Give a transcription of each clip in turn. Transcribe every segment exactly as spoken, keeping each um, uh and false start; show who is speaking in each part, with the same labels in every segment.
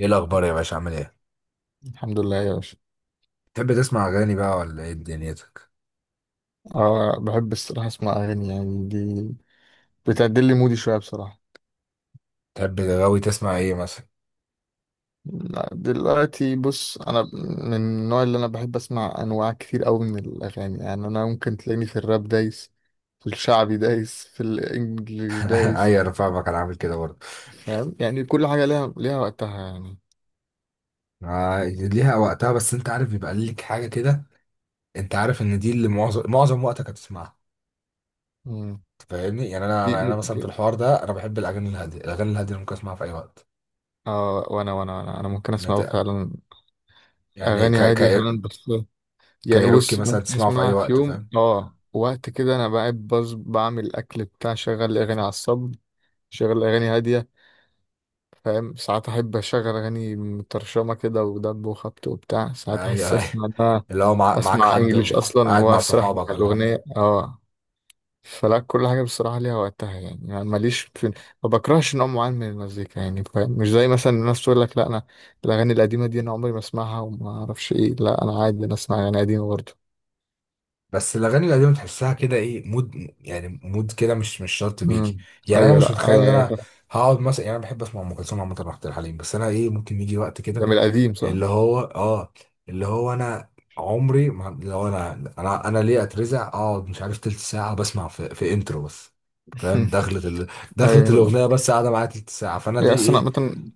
Speaker 1: ايه الاخبار يا باشا؟ عامل ايه؟
Speaker 2: الحمد لله يا باشا.
Speaker 1: تحب تسمع اغاني بقى ولا ايه دنيتك؟
Speaker 2: اه بحب الصراحة اسمع اغاني، يعني دي بتعدل لي مودي شوية بصراحة.
Speaker 1: تحب غاوي تسمع ايه مثلا؟
Speaker 2: لا، دلوقتي بص، انا من النوع اللي انا بحب اسمع انواع كتير قوي من الاغاني، يعني انا ممكن تلاقيني في الراب دايس، في الشعبي دايس، في الانجليش دايس.
Speaker 1: اي، انا فاهمك، انا عامل كده برضه.
Speaker 2: فاهم، يعني كل حاجة ليها ليها وقتها يعني.
Speaker 1: آه، ليها وقتها، بس انت عارف بيبقى ليك حاجه كده، انت عارف ان دي اللي معظم معظم وقتك هتسمعها.
Speaker 2: مم.
Speaker 1: فاهمني؟ يعني انا
Speaker 2: دي
Speaker 1: يعني انا مثلا في
Speaker 2: ممكن.
Speaker 1: الحوار ده انا بحب الاغاني الهاديه، الاغاني الهاديه اللي ممكن اسمعها في اي وقت.
Speaker 2: اه، وانا وانا وانا انا ممكن
Speaker 1: نت-
Speaker 2: اسمع فعلا
Speaker 1: يعني ك...
Speaker 2: اغاني
Speaker 1: ك...
Speaker 2: هادية فعلا. بس يعني
Speaker 1: كايروكي
Speaker 2: بص،
Speaker 1: مثلا
Speaker 2: ممكن
Speaker 1: تسمعه في اي
Speaker 2: اسمعها في
Speaker 1: وقت،
Speaker 2: يوم،
Speaker 1: فاهم؟
Speaker 2: اه وقت كده انا بقى بص بعمل الاكل بتاع شغل اغاني على الصب، شغل اغاني هاديه. فاهم، ساعات احب اشغل اغاني مترشمه كده ودب وخبط وبتاع، ساعات احس
Speaker 1: ايوه ايوه.
Speaker 2: اسمع ده،
Speaker 1: اللي هو مع... معاك
Speaker 2: اسمع انجليش
Speaker 1: حد
Speaker 2: اصلا
Speaker 1: قاعد مع
Speaker 2: واسرح مع
Speaker 1: صحابك ولا حاجه؟
Speaker 2: الاغنيه اه فلا كل حاجه بصراحه ليها وقتها، يعني يعني ماليش في، ما بكرهش نوع معين من المزيكا. يعني فاهم، مش زي مثلا الناس تقول لك، لا انا الاغاني القديمه دي انا عمري ما اسمعها وما اعرفش ايه. لا انا عادي، انا اسمع اغاني قديمه برضه.
Speaker 1: بس الاغاني القديمه تحسها كده ايه مود، يعني مود كده مش مش شرط بيجي.
Speaker 2: امم.
Speaker 1: يعني انا
Speaker 2: ايوه،
Speaker 1: مش
Speaker 2: لا،
Speaker 1: متخيل
Speaker 2: ايوه،
Speaker 1: ان
Speaker 2: ايوه،
Speaker 1: انا
Speaker 2: فاهم.
Speaker 1: هقعد مثلا، يعني انا بحب اسمع ام كلثوم عامه وعبد الحليم، بس انا ايه، ممكن يجي وقت كده
Speaker 2: ده من القديم صح؟
Speaker 1: اللي هو اه اللي هو انا عمري ما، اللي هو انا، انا انا ليه اترزع اقعد مش عارف تلت ساعه بسمع في, في انترو بس. فاهم؟ دخلت ال... دخلت
Speaker 2: ايوه.
Speaker 1: الاغنيه بس قاعده معايا تلت ساعه، فانا
Speaker 2: هي
Speaker 1: دي
Speaker 2: اصلا
Speaker 1: ايه؟
Speaker 2: مثلا،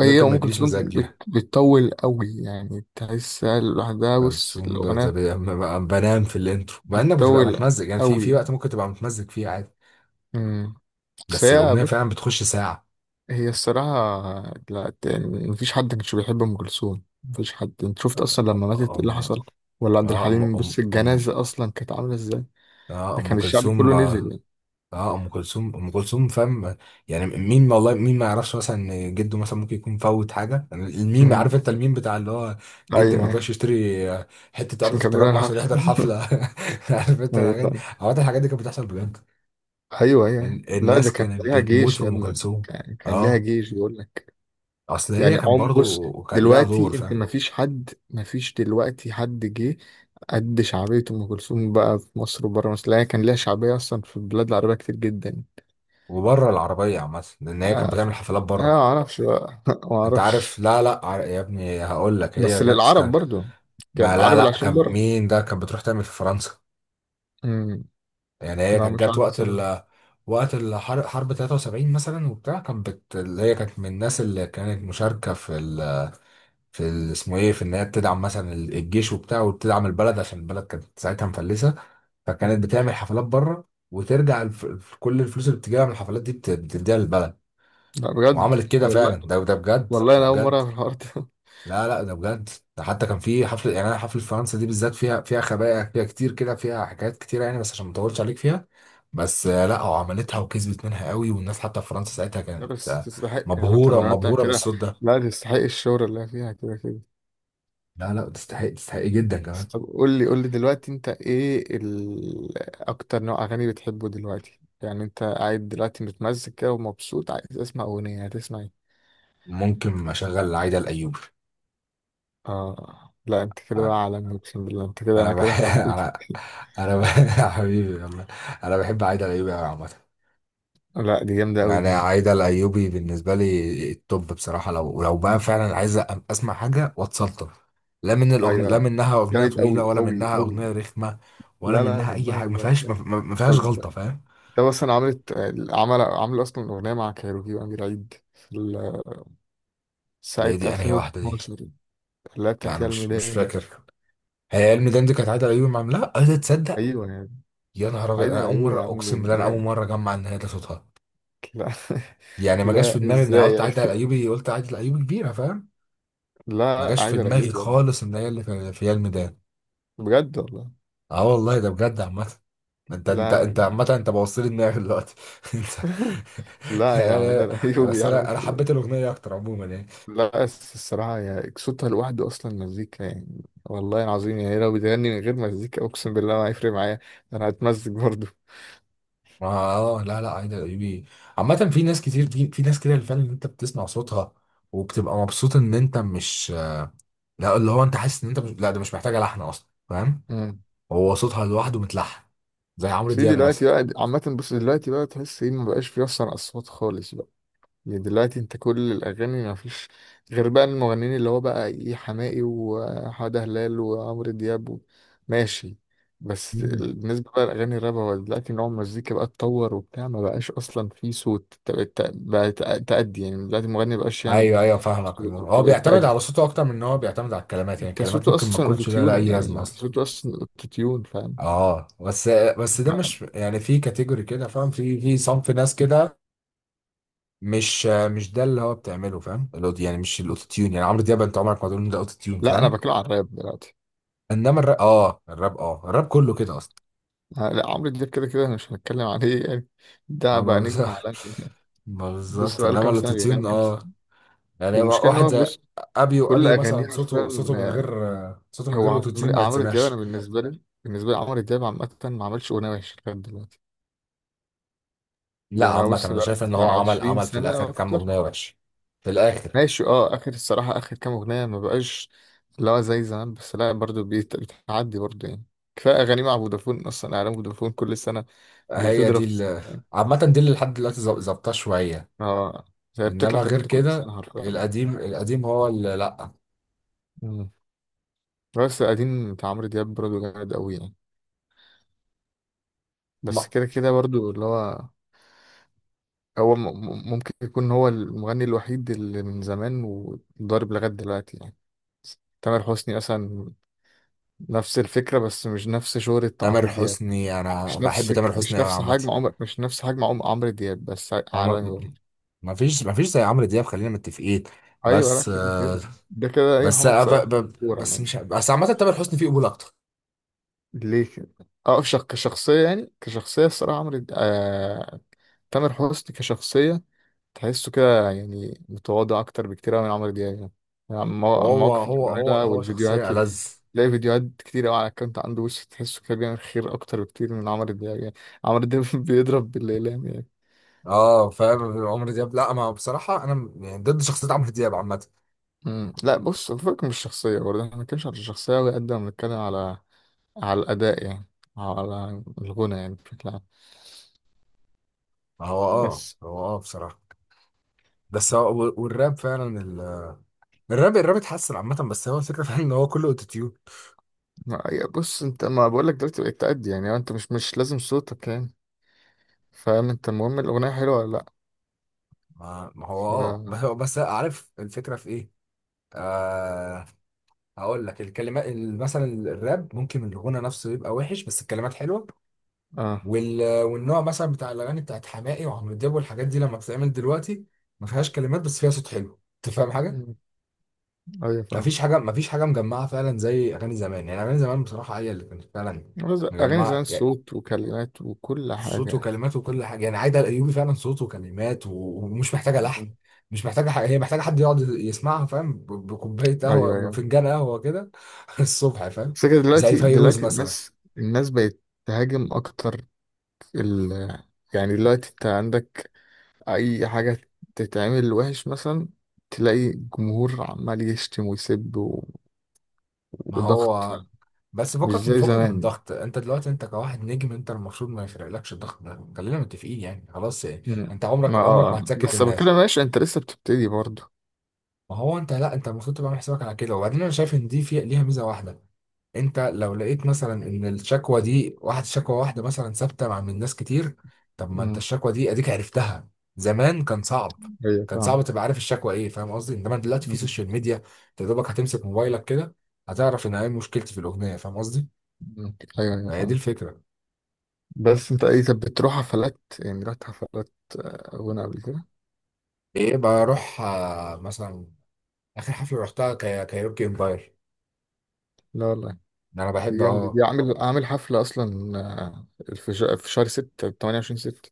Speaker 2: هي
Speaker 1: ممكن ما
Speaker 2: ام
Speaker 1: يجيليش
Speaker 2: كلثوم
Speaker 1: مزاج ليها.
Speaker 2: بت- بتطول قوي، يعني تحسها لوحدها بص
Speaker 1: كلثوم بت- ب-
Speaker 2: الاغنيه،
Speaker 1: ب- بنام في الانترو، مع انك بتبقى
Speaker 2: بتطول
Speaker 1: متمزج، يعني في في
Speaker 2: قوي.
Speaker 1: وقت ممكن تبقى متمزج فيه عادي.
Speaker 2: امم. بس
Speaker 1: بس
Speaker 2: هي
Speaker 1: الأغنية
Speaker 2: بص،
Speaker 1: فعلا بتخش ساعة.
Speaker 2: هي الصراحه، لا، ت- مفيش حد كانش بيحب ام كلثوم، مفيش حد. انت شفت اصلا لما ماتت ايه اللي
Speaker 1: أم
Speaker 2: حصل؟ ولا عبد
Speaker 1: آه أم
Speaker 2: الحليم، بص
Speaker 1: أم أم
Speaker 2: الجنازه اصلا كانت عامله ازاي.
Speaker 1: آه
Speaker 2: ده
Speaker 1: أم
Speaker 2: كان الشعب
Speaker 1: كلثوم.
Speaker 2: كله
Speaker 1: آه
Speaker 2: نزل يعني.
Speaker 1: آه، أم كلثوم، أم كلثوم، فاهم؟ يعني مين والله، مين ما يعرفش مثلا إن جده مثلا ممكن يكون فوت حاجة. يعني الميم، عارف
Speaker 2: امم.
Speaker 1: أنت الميم بتاع اللي هو جدي
Speaker 2: ايوه
Speaker 1: ما
Speaker 2: يعني،
Speaker 1: رضاش يشتري، آه، حتة أرض
Speaker 2: عشان
Speaker 1: في
Speaker 2: كان بيروح
Speaker 1: التجمع عشان
Speaker 2: الحفل.
Speaker 1: يحضر حفلة. عارف أنت الحاجات دي؟
Speaker 2: ايوه،
Speaker 1: عامة الحاجات دي كانت بتحصل بجد.
Speaker 2: ايوه، ايوه، أيوه.
Speaker 1: ال-
Speaker 2: لا، ده
Speaker 1: الناس
Speaker 2: كان
Speaker 1: كانت
Speaker 2: ليها
Speaker 1: بتموت
Speaker 2: جيش
Speaker 1: في
Speaker 2: يا
Speaker 1: أم
Speaker 2: ابني،
Speaker 1: كلثوم.
Speaker 2: كان, كان ليها
Speaker 1: أه،
Speaker 2: جيش بيقول لك.
Speaker 1: أصل هي
Speaker 2: يعني
Speaker 1: كان
Speaker 2: عم بص،
Speaker 1: برضو كان ليها دور،
Speaker 2: دلوقتي انت
Speaker 1: فاهم؟
Speaker 2: ما فيش حد ما فيش دلوقتي حد جه قد شعبية ام كلثوم بقى في مصر وبره مصر. لا هي كان ليها شعبية اصلا في البلاد العربية كتير جدا.
Speaker 1: وبره العربية عامة، لأن هي كانت بتعمل
Speaker 2: آه.
Speaker 1: حفلات
Speaker 2: انا ما
Speaker 1: بره.
Speaker 2: اعرفش بقى. ما
Speaker 1: انت عارف،
Speaker 2: اعرفش،
Speaker 1: لا لا، عار- يا ابني هقول لك هي
Speaker 2: بس
Speaker 1: جت كان،
Speaker 2: للعرب برضو، كان
Speaker 1: ما لا
Speaker 2: العرب اللي
Speaker 1: لا،
Speaker 2: عايشين
Speaker 1: كان
Speaker 2: بره.
Speaker 1: مين ده، كانت بتروح تعمل في فرنسا.
Speaker 2: امم.
Speaker 1: يعني هي
Speaker 2: لا
Speaker 1: كانت
Speaker 2: مش
Speaker 1: جت
Speaker 2: عارف
Speaker 1: وقت
Speaker 2: الصراحة.
Speaker 1: ال، وقت الحرب، حرب تلاتة وسبعين مثلا وبتاع، كانت بت... اللي هي كانت من الناس اللي كانت مشاركه في ال... في ال... اسمه ايه، في ان هي بتدعم مثلا ال- الجيش وبتاع، وبتدعم البلد عشان البلد كانت ساعتها مفلسه.
Speaker 2: مم.
Speaker 1: فكانت بتعمل حفلات بره وترجع الف... كل الفلوس اللي بتجيبها من الحفلات دي بت... بتديها للبلد،
Speaker 2: لا بجد،
Speaker 1: وعملت كده فعلا.
Speaker 2: والله
Speaker 1: ده ده بجد،
Speaker 2: والله،
Speaker 1: ده
Speaker 2: انا اول
Speaker 1: بجد.
Speaker 2: مرة في الحوار ده.
Speaker 1: لا لا، ده بجد. ده حتى كان في حفله، يعني انا حفله فرنسا دي بالذات فيها فيها خبايا، فيها كتير كده، فيها حكايات كتيره، يعني بس عشان ما اطولش عليك فيها. بس آه، لا هو عملتها وكسبت منها قوي، والناس حتى في فرنسا ساعتها
Speaker 2: لا
Speaker 1: كانت
Speaker 2: بس
Speaker 1: آه،
Speaker 2: تستحق، يعني مثلا
Speaker 1: مبهوره
Speaker 2: لو انت
Speaker 1: مبهوره
Speaker 2: كده،
Speaker 1: بالصوت ده.
Speaker 2: لا تستحق الشهرة اللي هي فيها كده كده.
Speaker 1: لا لا، تستحق، تستحق جدا
Speaker 2: بس
Speaker 1: كمان.
Speaker 2: طب، قول لي قول لي دلوقتي، انت ايه ال... اكتر نوع اغاني بتحبه دلوقتي؟ يعني انت قاعد دلوقتي متمزج كده ومبسوط، عايز تسمع اغنية، هتسمع ايه؟
Speaker 1: ممكن اشغل عايده الايوبي.
Speaker 2: اه، لا، انت كده بقى عالمي، اقسم بالله، انت كده انا
Speaker 1: انا بح...
Speaker 2: كده حبيت.
Speaker 1: انا انا بح... حبيبي والله، انا بحب عايده الايوبي قوي عامه.
Speaker 2: لا دي جامدة قوي
Speaker 1: يعني
Speaker 2: دي.
Speaker 1: عايدة الأيوبي بالنسبة لي التوب. بصراحة لو لو بقى
Speaker 2: مم.
Speaker 1: فعلا عايز أ- أسمع حاجة واتسلطن، لا من الأغن... لا
Speaker 2: ايوه،
Speaker 1: منها أغنية
Speaker 2: جامد
Speaker 1: طويلة،
Speaker 2: قوي
Speaker 1: ولا
Speaker 2: قوي
Speaker 1: منها
Speaker 2: قوي.
Speaker 1: أغنية رخمة، ولا
Speaker 2: لا لا
Speaker 1: منها أي
Speaker 2: بحبها
Speaker 1: حاجة، ما
Speaker 2: والله،
Speaker 1: فيهاش، ما
Speaker 2: لا.
Speaker 1: ما- ما فيهاش
Speaker 2: طب انت
Speaker 1: غلطة، فاهم.
Speaker 2: مثلا عملت عمل عامل اصلا اغنية مع كايروكي وامير عيد
Speaker 1: دي
Speaker 2: ساعة
Speaker 1: دي أنا هي واحدة دي،
Speaker 2: ألفين واتناشر؟ لا،
Speaker 1: لا
Speaker 2: بتاعت
Speaker 1: أنا
Speaker 2: يا
Speaker 1: مش مش
Speaker 2: الميدان.
Speaker 1: فاكر. هي علم دندي كانت عايدة الأيوبي، مع لا عايزة تصدق.
Speaker 2: أيوة يعني،
Speaker 1: يا نهار أبيض،
Speaker 2: عايدة
Speaker 1: أنا أول
Speaker 2: الأيوبي
Speaker 1: مرة
Speaker 2: يا عم،
Speaker 1: أقسم بالله، أنا أول
Speaker 2: وهي-
Speaker 1: مرة أجمع إن هي ده صوتها.
Speaker 2: لا.
Speaker 1: يعني ما جاش في
Speaker 2: لا
Speaker 1: دماغي إن أنا
Speaker 2: إزاي
Speaker 1: قلت
Speaker 2: يعني؟
Speaker 1: عايدة الأيوبي، قلت عايدة الأيوبي كبيرة، فاهم؟
Speaker 2: لا
Speaker 1: ما
Speaker 2: لا،
Speaker 1: جاش في
Speaker 2: عايدة
Speaker 1: دماغي
Speaker 2: الأيوبي يا ابني.
Speaker 1: خالص إن هي اللي في في علم.
Speaker 2: بجد والله.
Speaker 1: اه والله، ده بجد عامة. انت انت
Speaker 2: لا، لا.
Speaker 1: انت عامة، انت بوصل لي دماغي دلوقتي انت.
Speaker 2: لا يا،
Speaker 1: يعني
Speaker 2: عايدة
Speaker 1: انا
Speaker 2: الأيوبي
Speaker 1: بس
Speaker 2: يا عم
Speaker 1: انا انا
Speaker 2: في
Speaker 1: حبيت
Speaker 2: إيه؟
Speaker 1: الاغنية اكتر عموما يعني.
Speaker 2: لا بس الصراحة، يا صوتها لوحده أصلا مزيكا يعني، والله العظيم، يعني لو بتغني من غير مزيكا أقسم بالله ما هيفرق معايا، أنا هتمزج برضه.
Speaker 1: ما- اه لا لا، عايدة الايوبي عامة في ناس كتير، في, في ناس كده اللي فعلا انت بتسمع صوتها وبتبقى مبسوط ان انت مش، لا اللي هو انت حاسس ان انت مش... لا ده مش محتاجة لحن اصلا، فاهم.
Speaker 2: مم.
Speaker 1: هو صوتها لوحده متلحن، زي عمرو
Speaker 2: في
Speaker 1: دياب
Speaker 2: دلوقتي
Speaker 1: مثلا.
Speaker 2: بقى عامة، بص دلوقتي بقى تحس إيه، مبقاش في أصلا أصوات خالص. يعني دلوقتي انت كل الاغاني ما فيش غير بقى المغنيين اللي هو بقى ايه، حماقي وحمادة هلال وعمرو دياب و... ماشي. بس
Speaker 1: مم.
Speaker 2: ال... بالنسبه بقى لاغاني الراب، هو دلوقتي نوع المزيكا بقى اتطور وبتاع، ما بقاش اصلا في صوت، انت بقت تق- بقى تق- تأدي يعني، دلوقتي المغني ما بقاش يعمل
Speaker 1: ايوه ايوه، فاهمك. اللي
Speaker 2: صوت،
Speaker 1: هو
Speaker 2: انت
Speaker 1: هو
Speaker 2: بقت
Speaker 1: بيعتمد على
Speaker 2: تأدي،
Speaker 1: صوته اكتر من ان هو بيعتمد على الكلمات، يعني
Speaker 2: انت
Speaker 1: الكلمات
Speaker 2: صوته
Speaker 1: ممكن ما
Speaker 2: اصلا
Speaker 1: تكونش لها لا
Speaker 2: اوتوتيون،
Speaker 1: اي
Speaker 2: يعني
Speaker 1: لازمة
Speaker 2: انت
Speaker 1: اصلا.
Speaker 2: صوته اصلا اوتوتيون فاهم.
Speaker 1: اه، بس بس ده مش يعني في كاتيجوري كده، فاهم؟ في في صنف ناس كده، مش مش ده اللي هو بتعمله، فاهم؟ الأوت- يعني مش الاوتو تيون، يعني عمرو دياب انت عمرك ما تقول إن ده اوتو تيون،
Speaker 2: لا انا
Speaker 1: فاهم؟
Speaker 2: بتكلم على الراب دلوقتي.
Speaker 1: انما الراب اه، الراب اه، الراب كله كده اصلا.
Speaker 2: لا عمرو دياب كده كده مش هنتكلم عليه يعني، ده
Speaker 1: آه، ما
Speaker 2: بقى
Speaker 1: بز-
Speaker 2: نجم عالمي،
Speaker 1: ما
Speaker 2: بص
Speaker 1: بالظبط،
Speaker 2: بقاله
Speaker 1: انما
Speaker 2: كام سنة
Speaker 1: الاوتو تيون
Speaker 2: بيغني
Speaker 1: اه.
Speaker 2: أصلا.
Speaker 1: يعني
Speaker 2: والمشكلة إن
Speaker 1: واحد
Speaker 2: هو
Speaker 1: زي
Speaker 2: بص
Speaker 1: ابيو،
Speaker 2: كل
Speaker 1: ابيو
Speaker 2: أغانيه
Speaker 1: مثلا صوته،
Speaker 2: حرفيا.
Speaker 1: صوته من غير
Speaker 2: آه،
Speaker 1: صوته من
Speaker 2: هو
Speaker 1: غير اوتو
Speaker 2: عمرو
Speaker 1: تيون ما
Speaker 2: عمرو دياب، أنا
Speaker 1: يتسمعش.
Speaker 2: بالنسبة لي، بالنسبة لي عمرو دياب عامة ما عملش أغنية وحشة لغاية دلوقتي.
Speaker 1: لا
Speaker 2: يعني أنا
Speaker 1: عامة
Speaker 2: بص
Speaker 1: انا
Speaker 2: بقى
Speaker 1: شايف ان هو
Speaker 2: بتاع
Speaker 1: عمل
Speaker 2: عشرين
Speaker 1: عمل في
Speaker 2: سنة أو
Speaker 1: الاخر كام
Speaker 2: أكتر.
Speaker 1: اغنية وحش في الاخر.
Speaker 2: ماشي، أه آخر الصراحة آخر كام أغنية ما بقاش اللي هو زي زمان، بس لا برضه بيت- بتعدي برضه يعني. كفاية أغاني مع فودافون، أصلا إعلان فودافون كل سنة
Speaker 1: هي
Speaker 2: بتضرب
Speaker 1: دي
Speaker 2: في السما
Speaker 1: ال،
Speaker 2: يعني.
Speaker 1: عامة دي اللي لحد دلوقتي ظاب- ظابطاه شوية.
Speaker 2: أه، هي بتطلع
Speaker 1: إنما غير
Speaker 2: ترند كل
Speaker 1: كده،
Speaker 2: سنة حرفيا.
Speaker 1: القديم، القديم هو اللي لأ.
Speaker 2: مم. بس قديم بتاع عمرو دياب برضه جامد أوي يعني. بس
Speaker 1: ما-
Speaker 2: كده كده برضو اللي هو، هو م- م- ممكن يكون هو المغني الوحيد اللي من زمان وضارب لغاية دلوقتي يعني. تامر حسني مثلا، نفس الفكرة بس مش نفس شهرة
Speaker 1: تامر
Speaker 2: عمرو دياب،
Speaker 1: حسني، أنا
Speaker 2: مش
Speaker 1: بحب
Speaker 2: نفس
Speaker 1: تامر
Speaker 2: مش
Speaker 1: حسني أوي
Speaker 2: نفس
Speaker 1: عامة.
Speaker 2: حجم عمر مش نفس حجم عم- عمرو دياب، بس
Speaker 1: هو ما
Speaker 2: عالمي
Speaker 1: م-
Speaker 2: برضه.
Speaker 1: ما فيش، ما فيش زي عمرو دياب، خلينا متفقين.
Speaker 2: أيوة، لا
Speaker 1: بس
Speaker 2: كده كده ده كده، أي
Speaker 1: بس
Speaker 2: محمد
Speaker 1: أنا ب-
Speaker 2: صلاح،
Speaker 1: ب-
Speaker 2: كورة
Speaker 1: بس
Speaker 2: يعني.
Speaker 1: مش بس، عامة تامر حسني فيه قبول أكتر.
Speaker 2: ليه كده؟ أه، شخ- كشخصية يعني، كشخصية الصراحة عمرو د- آه... تامر حسني كشخصية تحسه كده يعني متواضع أكتر بكتير أوي من عمرو دياب يعني. يعني المو-
Speaker 1: هو
Speaker 2: المواقف اللي
Speaker 1: هو هو
Speaker 2: بيعملها
Speaker 1: هو
Speaker 2: والفيديوهات،
Speaker 1: شخصية ألذ.
Speaker 2: تلاقي فيديوهات كتير أوي على الأكونت عنده، وش تحسه كده بيعمل خير أكتر بكتير من عمرو دياب يعني. عمرو دياب بيضرب بالإعلام يعني.
Speaker 1: اه فاهم. عمرو دياب، لا ما بصراحة أنا م- يعني ضد شخصية عمرو دياب عامة.
Speaker 2: مم. لا بص، الفرق مش الشخصية برضه، احنا بنتكلمش على الشخصية أوي قد ما بنتكلم على على الأداء يعني، على الغنى يعني بشكل عام.
Speaker 1: هو اه،
Speaker 2: بس
Speaker 1: هو اه بصراحة بس هو والراب فعلا، الراب، الراب اتحسن عامة، بس هو الفكرة فعلا ان هو كله اوتوتيون.
Speaker 2: ما يا بص انت، ما بقولك دلوقتي بقيت تأدي يعني، انت مش مش لازم صوتك يعني، فاهم، انت المهم الأغنية حلوة ولا لأ.
Speaker 1: ما ما هو
Speaker 2: ف...
Speaker 1: اه، بس بس عارف الفكرة في ايه؟ آه، هقول لك الكلمات، ال- مثلا الراب ممكن الغنى نفسه يبقى وحش بس الكلمات حلوة.
Speaker 2: اه
Speaker 1: وال... والنوع مثلا بتاع الاغاني بتاعت حماقي وعمرو دياب والحاجات دي لما بتتعمل دلوقتي ما فيهاش كلمات، بس فيها صوت حلو. انت فاهم حاجة؟
Speaker 2: ايوه
Speaker 1: ما فيش
Speaker 2: فاهمك.
Speaker 1: حاجة، ما فيش حاجة مجمعة فعلا زي اغاني زمان، يعني اغاني زمان بصراحة هي اللي كانت فعلا
Speaker 2: بس اغاني
Speaker 1: مجمعة،
Speaker 2: زمان صوت وكلمات وكل
Speaker 1: صوته
Speaker 2: حاجه.
Speaker 1: وكلماته وكل حاجه. يعني عايده الايوبي فعلا، صوته وكلمات و، ومش محتاجه لحن، مش محتاجه حاجه، هي محتاجه حد يقعد يسمعها، فاهم؟ ب- بكوبايه قهوه،
Speaker 2: ايوه، ايوه.
Speaker 1: بفنجان قهوه كده الصبح، فاهم؟
Speaker 2: بس كده
Speaker 1: زي
Speaker 2: دلوقتي،
Speaker 1: فيروز
Speaker 2: دلوقتي
Speaker 1: مثلا.
Speaker 2: الناس، الناس بقت تهاجم اكتر ال... يعني دلوقتي انت عندك اي حاجه تتعمل وحش مثلا، تلاقي جمهور عمال يشتم ويسب و...
Speaker 1: ما
Speaker 2: وضغط،
Speaker 1: هو بس
Speaker 2: مش
Speaker 1: فكك، من
Speaker 2: زي
Speaker 1: فكك من
Speaker 2: زمان.
Speaker 1: ضغط. انت دلوقتي انت كواحد نجم، انت المفروض ما يفرقلكش الضغط ده، خلينا متفقين يعني خلاص يعني.
Speaker 2: مم.
Speaker 1: انت عمرك
Speaker 2: ما
Speaker 1: عمرك ما
Speaker 2: اه،
Speaker 1: هتسكت
Speaker 2: بس
Speaker 1: الناس.
Speaker 2: بتكلم ماشي، انت لسه بتبتدي برضه.
Speaker 1: ما هو انت، لا انت المفروض تبقى عامل حسابك على كده، وبعدين انا شايف ان دي في ليها ميزه واحده. انت لو لقيت مثلا ان الشكوى دي واحد، شكوى واحده مثلا ثابته مع من ناس كتير، طب ما انت
Speaker 2: مم.
Speaker 1: الشكوى دي اديك عرفتها. زمان كان صعب
Speaker 2: ايوه
Speaker 1: كان
Speaker 2: فاهم.
Speaker 1: صعب تبقى عارف الشكوى ايه، فاهم قصدي. انما دلوقتي في
Speaker 2: مم.
Speaker 1: سوشيال ميديا، انت يا دوبك هتمسك موبايلك كده، هتعرف ان ايه مشكلتي في الاغنيه، فاهم قصدي؟
Speaker 2: مم. ايوه ايوه
Speaker 1: فهي دي
Speaker 2: فاهم.
Speaker 1: الفكره.
Speaker 2: بس انت ايه، طب بتروح حفلات يعني، رحت حفلات؟ آه، غنى قبل كده.
Speaker 1: ايه، بروح آه، مثلا اخر حفله رحتها كا- كايروكي امباير.
Speaker 2: لا والله،
Speaker 1: ده انا
Speaker 2: دي
Speaker 1: بحب
Speaker 2: جامدة
Speaker 1: اه.
Speaker 2: دي. عامل عامل حفلة أصلا آه، في ش- في شهر ستة تمانية وعشرين ستة.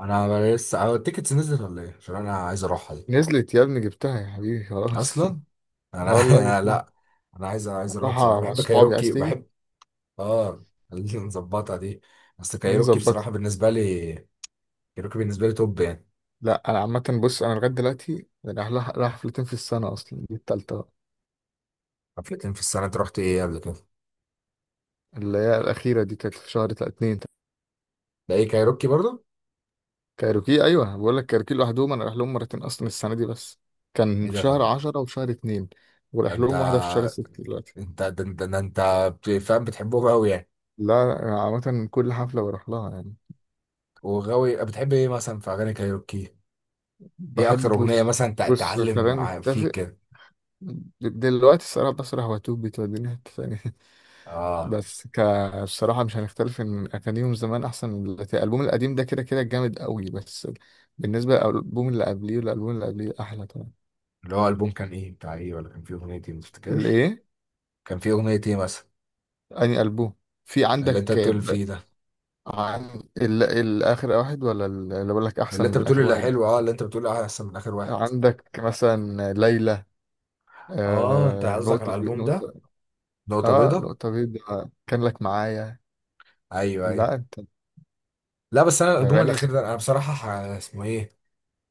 Speaker 1: انا لسه اه، التيكتس نزلت ولا ايه؟ عشان انا عايز اروحها دي
Speaker 2: نزلت يا ابني، جبتها يا حبيبي خلاص.
Speaker 1: اصلا.
Speaker 2: اه والله
Speaker 1: انا
Speaker 2: جبتها.
Speaker 1: لا، انا عايز، انا عايز اروح بصراحه.
Speaker 2: رايحة مع
Speaker 1: بحب
Speaker 2: صحابي، عايز
Speaker 1: كايروكي،
Speaker 2: تيجي؟
Speaker 1: بحب اه. خلينا نظبطها دي. بس
Speaker 2: دي
Speaker 1: كايروكي
Speaker 2: نظبطها.
Speaker 1: بصراحه بالنسبه لي، كايروكي بالنسبه لي توب يعني.
Speaker 2: لا أنا عامة بص، أنا لغاية دلوقتي يعني رايح لها- رايح حفلتين في السنة أصلا، دي التالتة بقى.
Speaker 1: حفلتين في السنه؟ انت رحت ايه قبل كده؟
Speaker 2: اللي هي الأخيرة دي كانت في شهر تا- اتنين.
Speaker 1: ده ايه، كايروكي برضه؟
Speaker 2: كايروكي ايوه، بقول لك كايروكي لوحدهم انا رايح لهم مرتين اصلا السنه دي بس، كان
Speaker 1: ايه
Speaker 2: في
Speaker 1: ده،
Speaker 2: شهر
Speaker 1: طب
Speaker 2: عشرة وفي شهر اتنين،
Speaker 1: ده
Speaker 2: ورايح
Speaker 1: انت،
Speaker 2: لهم واحده في شهر ستة دلوقتي.
Speaker 1: انت، ده انت, ده انت، بت- فاهم، بتحبهم قوي يعني.
Speaker 2: لا، عامه كل حفله بروح لها يعني.
Speaker 1: وغاوي بتحب ايه مثلا في اغاني كايروكي؟ ايه
Speaker 2: بحب
Speaker 1: اكتر اغنيه
Speaker 2: بص
Speaker 1: مثلا تع-
Speaker 2: بص
Speaker 1: تعلم
Speaker 2: خلينا
Speaker 1: مع- فيك
Speaker 2: نتفق،
Speaker 1: كده؟
Speaker 2: دلوقتي الصراحه بسرح، واتوب بتوديني حته ثانيه.
Speaker 1: اه،
Speaker 2: بس ك بصراحه مش هنختلف ان اغانيهم زمان احسن من دلوقتي، الالبوم القديم ده كده كده جامد قوي، بس بالنسبه للالبوم اللي قبليه والالبوم اللي قبليه احلى طبعا.
Speaker 1: اللي هو البوم كان ايه بتاع ايه، ولا كان فيه اغنيه ايه ما تفتكرش؟
Speaker 2: الايه؟
Speaker 1: كان فيه اغنيه ايه مثلا
Speaker 2: اني البوم في
Speaker 1: اللي انت
Speaker 2: عندك؟
Speaker 1: بتقول فيه ده،
Speaker 2: عن ال... الآخر واحد ولا ال- اللي بقول لك
Speaker 1: اللي
Speaker 2: أحسن
Speaker 1: انت
Speaker 2: من
Speaker 1: بتقول
Speaker 2: الآخر
Speaker 1: اللي
Speaker 2: واحد؟
Speaker 1: حلو، اه اللي انت بتقول احسن من اخر واحد.
Speaker 2: عندك مثلا ليلى،
Speaker 1: اه انت
Speaker 2: آه...
Speaker 1: قصدك على
Speaker 2: نقطة بي-
Speaker 1: الالبوم ده.
Speaker 2: نقطة،
Speaker 1: نقطة
Speaker 2: اه
Speaker 1: بيضة.
Speaker 2: نقطة بيضاء كان لك معايا.
Speaker 1: ايوه ايوه.
Speaker 2: لا انت،
Speaker 1: لا بس انا الالبوم
Speaker 2: أغاني ست-
Speaker 1: الاخير ده انا بصراحة ح- اسمه ايه،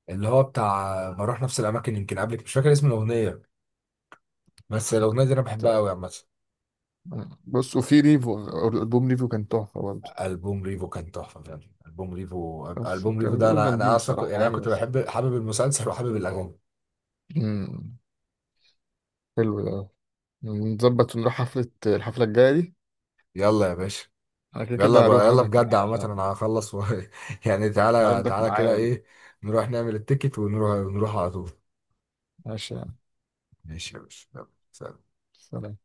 Speaker 1: اللي هو بتاع بروح نفس الاماكن يمكن قبلك، مش فاكر اسم الاغنية، بس الاغنية دي انا بحبها قوي عامة.
Speaker 2: بص، وفي ريفو الألبوم، ريفو كان تحفة برضه.
Speaker 1: البوم ريفو كان تحفة فعلا، البوم ريفو،
Speaker 2: بس
Speaker 1: البوم ريفو
Speaker 2: كان
Speaker 1: ده
Speaker 2: كلهم
Speaker 1: انا، انا
Speaker 2: جامدين
Speaker 1: اصلا كنت-
Speaker 2: بصراحة
Speaker 1: يعني انا
Speaker 2: يعني،
Speaker 1: كنت
Speaker 2: بس.
Speaker 1: بحب، حابب المسلسل وحابب الاغاني.
Speaker 2: مم. حلو ده، نظبط ونروح حفلة، الحفلة الجاية دي،
Speaker 1: يلا يا باشا.
Speaker 2: أنا كده
Speaker 1: يلا
Speaker 2: كده
Speaker 1: ب...
Speaker 2: هروح،
Speaker 1: يلا
Speaker 2: هاخدك
Speaker 1: بجد، عامة
Speaker 2: معايا.
Speaker 1: انا هخلص و... يعني تعالى،
Speaker 2: هاخدك
Speaker 1: تعالى كده
Speaker 2: معايا،
Speaker 1: ايه، نروح نعمل التيكت ونروح، نروح على طول.
Speaker 2: ماشي يعني.
Speaker 1: ماشي يا باشا، يلا سلام.
Speaker 2: سلام.